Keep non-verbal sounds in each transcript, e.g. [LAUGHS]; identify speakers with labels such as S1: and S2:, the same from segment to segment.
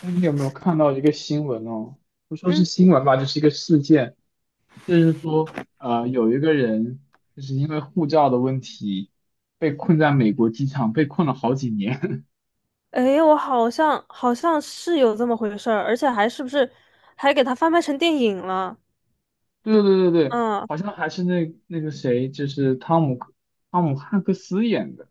S1: 哎，你有没有看到一个新闻哦？不说是
S2: 嗯，
S1: 新闻吧，就是一个事件，就是说，有一个人就是因为护照的问题被困在美国机场，被困了好几年。
S2: 诶，我好像是有这么回事儿，而且还是不是还给它翻拍成电影了？
S1: [LAUGHS] 对对对对，对，
S2: 嗯，
S1: 好像还是那个谁，就是汤姆汉克斯演的，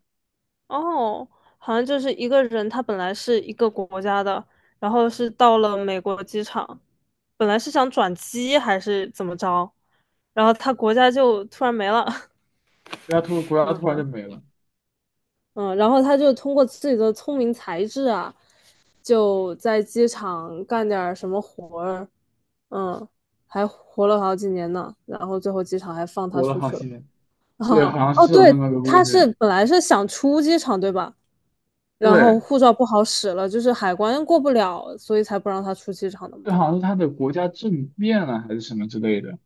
S2: 哦，好像就是一个人，他本来是一个国家的，然后是到了美国机场，本来是想转机还是怎么着，然后他国家就突然没了。[LAUGHS]
S1: 国家突然就没了，
S2: 嗯，然后他就通过自己的聪明才智啊，就在机场干点儿什么活儿，嗯，还活了好几年呢。然后最后机场还放他
S1: 活了
S2: 出
S1: 好
S2: 去
S1: 几
S2: 了。
S1: 年。
S2: [LAUGHS]
S1: 对，
S2: 啊，
S1: 好像
S2: 哦，
S1: 是有那
S2: 对，
S1: 么个故
S2: 他是
S1: 事。
S2: 本来是想出机场，对吧？然后
S1: 对，
S2: 护照不好使了，就是海关过不了，所以才不让他出机场的嘛。
S1: 这好像是他的国家政变了还是什么之类的，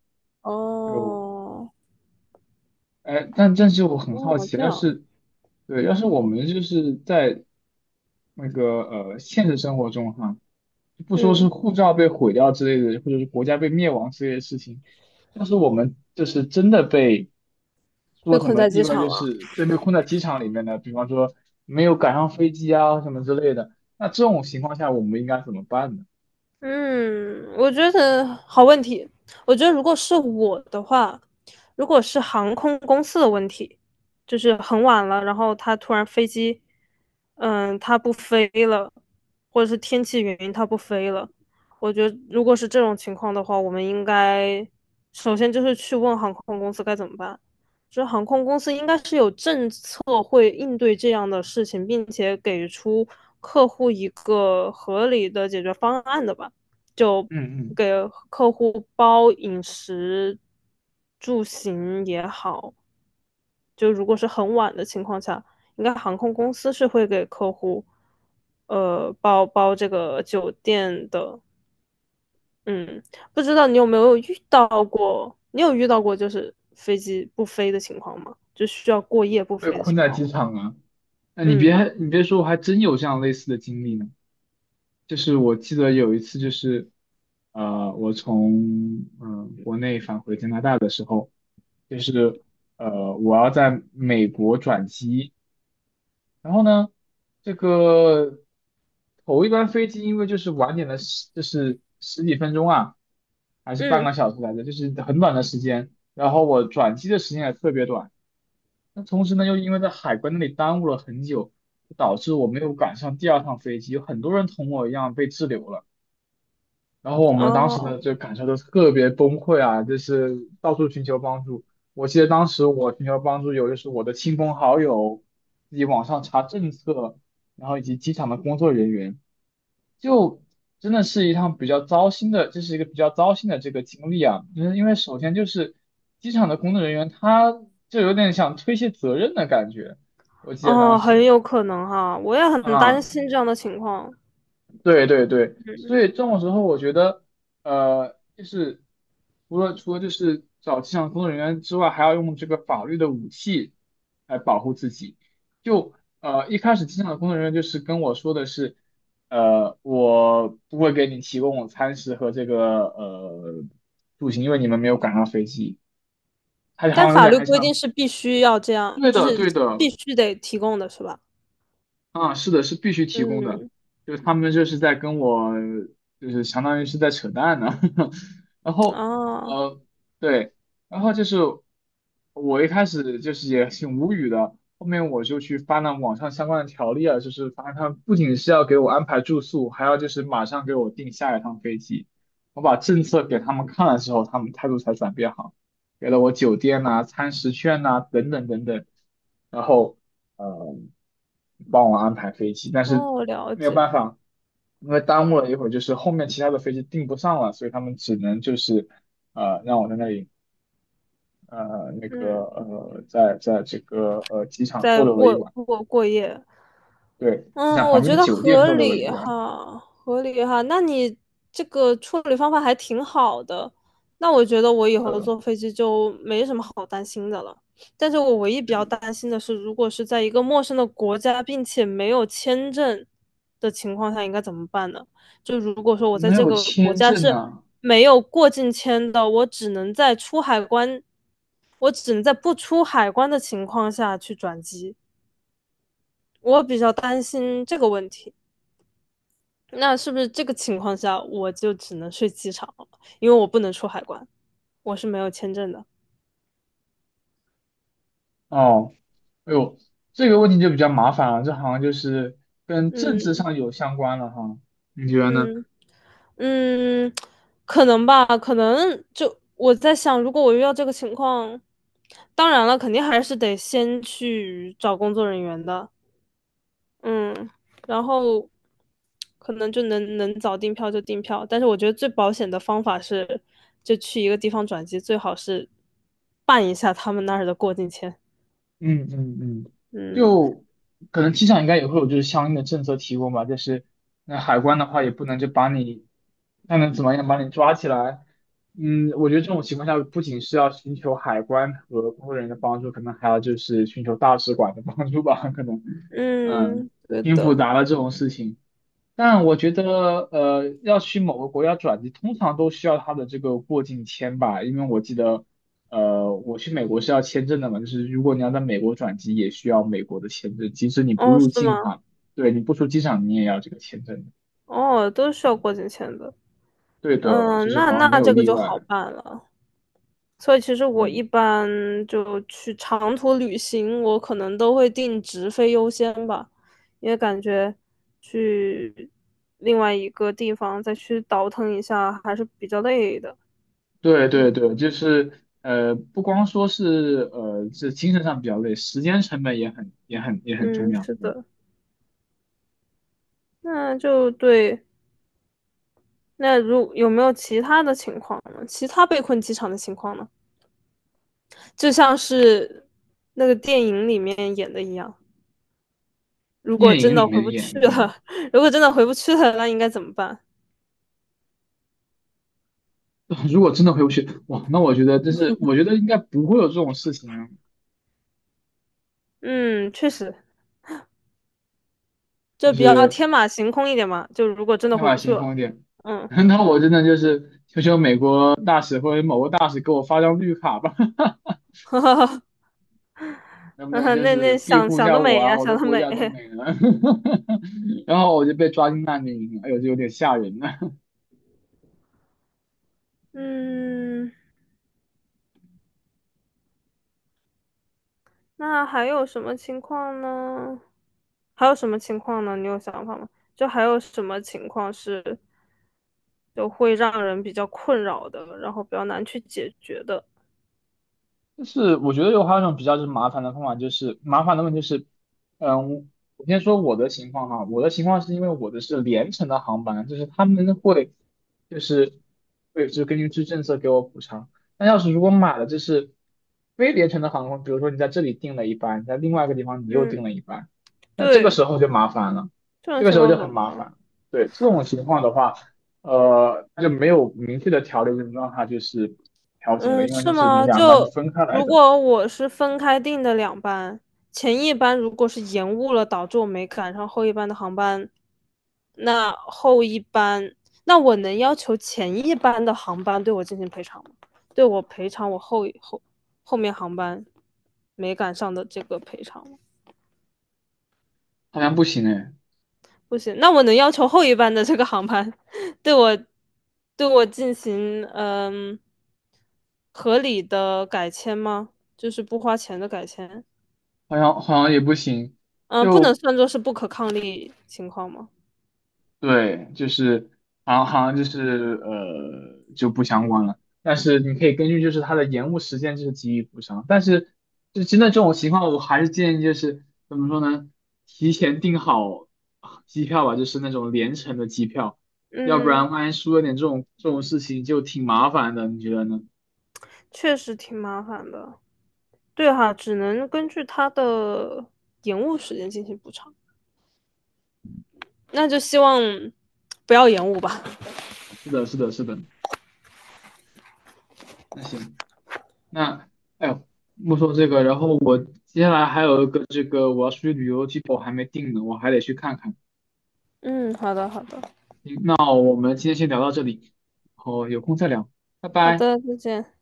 S1: 就
S2: 哦，
S1: 哎，但是我很好
S2: 哦，
S1: 奇，
S2: 这
S1: 要
S2: 样，
S1: 是对，要是我们就是在那个现实生活中哈，就不说是
S2: 嗯，
S1: 护照被毁掉之类的，或者是国家被灭亡之类的事情，要是我们就是真的被
S2: 被
S1: 说什
S2: 困
S1: 么
S2: 在
S1: 意
S2: 机
S1: 外，
S2: 场
S1: 就
S2: 了。
S1: 是对，被困在机场里面的，比方说没有赶上飞机啊什么之类的，那这种情况下我们应该怎么办呢？
S2: 嗯，我觉得好问题。我觉得如果是我的话，如果是航空公司的问题，就是很晚了，然后他突然飞机，嗯，他不飞了，或者是天气原因他不飞了，我觉得如果是这种情况的话，我们应该首先就是去问航空公司该怎么办。就是航空公司应该是有政策会应对这样的事情，并且给出客户一个合理的解决方案的吧。就
S1: 嗯嗯，
S2: 给客户包饮食、住行也好，就如果是很晚的情况下，应该航空公司是会给客户包这个酒店的。嗯，不知道你有没有遇到过？你有遇到过就是飞机不飞的情况吗？就需要过夜不
S1: 被
S2: 飞的
S1: 困
S2: 情
S1: 在
S2: 况
S1: 机
S2: 吗？
S1: 场啊，那你
S2: 嗯
S1: 别你别说，我还真有这样类似的经历呢。就是我记得有一次，就是我从国内返回加拿大的时候，就是我要在美国转机，然后呢，这个头一班飞机因为就是晚点了十，就是十几分钟啊，还是半
S2: 嗯，
S1: 个小时来着，就是很短的时间，然后我转机的时间也特别短，那同时呢，又因为在海关那里耽误了很久，导致我没有赶上第二趟飞机，有很多人同我一样被滞留了。然后我们当时
S2: 哦
S1: 的这个感受都特别崩溃啊，就是到处寻求帮助。我记得当时我寻求帮助有就是我的亲朋好友，自己网上查政策，然后以及机场的工作人员，就真的是一趟比较糟心的，这是一个比较糟心的这个经历啊。就是因为首先就是机场的工作人员，他就有点想推卸责任的感觉，我记得当
S2: 哦，很
S1: 时
S2: 有可能哈，我也很担
S1: 啊。
S2: 心这样的情况。
S1: 对对对，所
S2: 嗯
S1: 以这种时候，我觉得，就是除了就是找机场工作人员之外，还要用这个法律的武器来保护自己。就一开始机场的工作人员就是跟我说的是，我不会给你提供餐食和这个住行，因为你们没有赶上飞机。他好
S2: 但
S1: 像有
S2: 法
S1: 点
S2: 律
S1: 还
S2: 规定
S1: 想，
S2: 是必须要这样，
S1: 对
S2: 就
S1: 的
S2: 是
S1: 对的，
S2: 必须得提供的是吧？
S1: 啊，是的，是必须提供的，
S2: 嗯，
S1: 就是他们就是在跟我，就是相当于是在扯淡呢。[LAUGHS] 然后，
S2: 哦，
S1: 呃，对，然后就是我一开始就是也挺无语的，后面我就去翻了网上相关的条例啊，就是发现他们不仅是要给我安排住宿，还要就是马上给我订下一趟飞机。我把政策给他们看了之后，他们态度才转变好。给了我酒店呐、餐食券呐、等等等等，然后嗯呃帮我安排飞机，但是
S2: 哦，了
S1: 没有
S2: 解，
S1: 办法，因为耽误了一会儿，就是后面其他的飞机订不上了，所以他们只能就是让我在那里那个
S2: 嗯，
S1: 在这个机场逗
S2: 在
S1: 留了一
S2: 过
S1: 晚，
S2: 过过夜，
S1: 对，机
S2: 嗯，
S1: 场
S2: 我
S1: 旁边
S2: 觉
S1: 的
S2: 得
S1: 酒店
S2: 合
S1: 逗留了一
S2: 理
S1: 晚，
S2: 哈，合理哈。那你这个处理方法还挺好的，那我觉得我以后
S1: 呃
S2: 坐飞机就没什么好担心的了。但是我唯一比较担心的是，如果是在一个陌生的国家，并且没有签证的情况下，应该怎么办呢？就如果说我在
S1: 没
S2: 这
S1: 有
S2: 个国
S1: 签
S2: 家
S1: 证
S2: 是
S1: 呐、
S2: 没有过境签的，我只能在出海关，我只能在不出海关的情况下去转机。我比较担心这个问题。那是不是这个情况下我就只能睡机场了？因为我不能出海关，我是没有签证的。
S1: 哦，哎呦，这个问题就比较麻烦了，这好像就是跟政治
S2: 嗯
S1: 上有相关了哈，你觉得呢？
S2: 嗯嗯，可能吧，可能就我在想，如果我遇到这个情况，当然了，肯定还是得先去找工作人员的。嗯，然后可能就能早订票就订票，但是我觉得最保险的方法是，就去一个地方转机，最好是办一下他们那儿的过境签。
S1: 嗯嗯嗯，
S2: 嗯。
S1: 就可能机场应该也会有就是相应的政策提供吧，就是那海关的话也不能就把你，那能怎么样把你抓起来。嗯，我觉得这种情况下不仅是要寻求海关和工作人员的帮助，可能还要就是寻求大使馆的帮助吧，可能，嗯，
S2: 嗯，对
S1: 挺复
S2: 的。
S1: 杂的这种事情。但我觉得，要去某个国家转机，通常都需要他的这个过境签吧，因为我记得，我去美国是要签证的嘛，就是如果你要在美国转机，也需要美国的签证，即使你不
S2: 哦，
S1: 入
S2: 是吗？
S1: 境哈，对，你不出机场，你也要这个签证的。
S2: 哦，都需要过境签的。
S1: 对的，就
S2: 嗯，
S1: 是
S2: 那
S1: 好像没
S2: 那
S1: 有
S2: 这个
S1: 例
S2: 就好
S1: 外。
S2: 办了。所以其实我
S1: 嗯，
S2: 一般就去长途旅行，我可能都会定直飞优先吧，因为感觉去另外一个地方再去倒腾一下还是比较累的。
S1: 对
S2: 嗯
S1: 对对，就是不光说是这精神上比较累，时间成本也很重
S2: 嗯，
S1: 要，
S2: 是
S1: 对吧。
S2: 的。那就对。那如有没有其他的情况呢？其他被困机场的情况呢？就像是那个电影里面演的一样。如果
S1: 电
S2: 真
S1: 影里
S2: 的回
S1: 面
S2: 不
S1: 演
S2: 去
S1: 的那
S2: 了，
S1: 样。
S2: [LAUGHS] 如果真的回不去了，那应该怎么办？
S1: [LAUGHS] 如果真的回不去，哇，那我觉得这是，我觉得应该不会有这种事情啊，
S2: 嗯，确实，
S1: 就
S2: 就比较
S1: 是
S2: 天马行空一点嘛。就如果真的
S1: 天
S2: 回
S1: 马
S2: 不去
S1: 行
S2: 了，
S1: 空一点。
S2: 嗯，
S1: [LAUGHS] 那我真的就是求求美国大使或者某个大使给我发张绿卡吧，
S2: [LAUGHS] 呵呵
S1: [LAUGHS] 能不能
S2: 呵
S1: 就
S2: 那
S1: 是
S2: 那
S1: 庇
S2: 想
S1: 护一
S2: 想
S1: 下
S2: 得
S1: 我
S2: 美
S1: 啊？
S2: 呀、
S1: 我
S2: 想
S1: 的
S2: 得
S1: 国
S2: 美。
S1: 家都没了，[LAUGHS] 然后我就被抓进难民营了，哎呦，这有点吓人呢。
S2: 嗯，那还有什么情况呢？还有什么情况呢？你有想法吗？就还有什么情况是就会让人比较困扰的，然后比较难去解决的？
S1: 就是我觉得有还有一种比较就是麻烦的方法，就是麻烦的问题就是，嗯，我先说我的情况哈，我的情况是因为我的是联程的航班，就是他们会就是会就根据这政策给我补偿。那要是如果买了就是非联程的航空，比如说你在这里订了一班，在另外一个地方你又订
S2: 嗯，
S1: 了一班，那这个
S2: 对，
S1: 时候就麻烦了，
S2: 这
S1: 这
S2: 种
S1: 个时
S2: 情
S1: 候
S2: 况
S1: 就
S2: 怎
S1: 很
S2: 么
S1: 麻烦
S2: 办？
S1: 了。对，这种情况的话，它就没有明确的条例，就让它就是。调节了，
S2: 嗯，
S1: 因为就
S2: 是
S1: 是你
S2: 吗？
S1: 两班是
S2: 就
S1: 分开来
S2: 如
S1: 的。
S2: 果我是分开订的两班，前一班如果是延误了，导致我没赶上后一班的航班，那后一班，那我能要求前一班的航班对我进行赔偿吗？对我赔偿我后面航班没赶上的这个赔偿吗？
S1: 好像不行哎，
S2: 不行，那我能要求后一班的这个航班对我对我进行嗯合理的改签吗？就是不花钱的改签，
S1: 好像也不行，
S2: 嗯，不能
S1: 就
S2: 算作是不可抗力情况吗？
S1: 对，就是好像就是就不相关了。但是你可以根据就是它的延误时间就是给予补偿，但是就真的这种情况，我还是建议就是怎么说呢，提前订好机票吧，就是那种联程的机票，要不
S2: 嗯，
S1: 然万一出了点这种事情就挺麻烦的，你觉得呢？
S2: 确实挺麻烦的。对哈，只能根据它的延误时间进行补偿。那就希望不要延误吧。
S1: 是的，是的，是的。那行。那哎呦，莫说这个，然后我接下来还有一个这个我要出去旅游的机票我还没定呢，我还得去看看。
S2: 嗯，好的，好的，
S1: 那我们今天先聊到这里，然后有空再聊，拜
S2: 好
S1: 拜。
S2: 的，再见。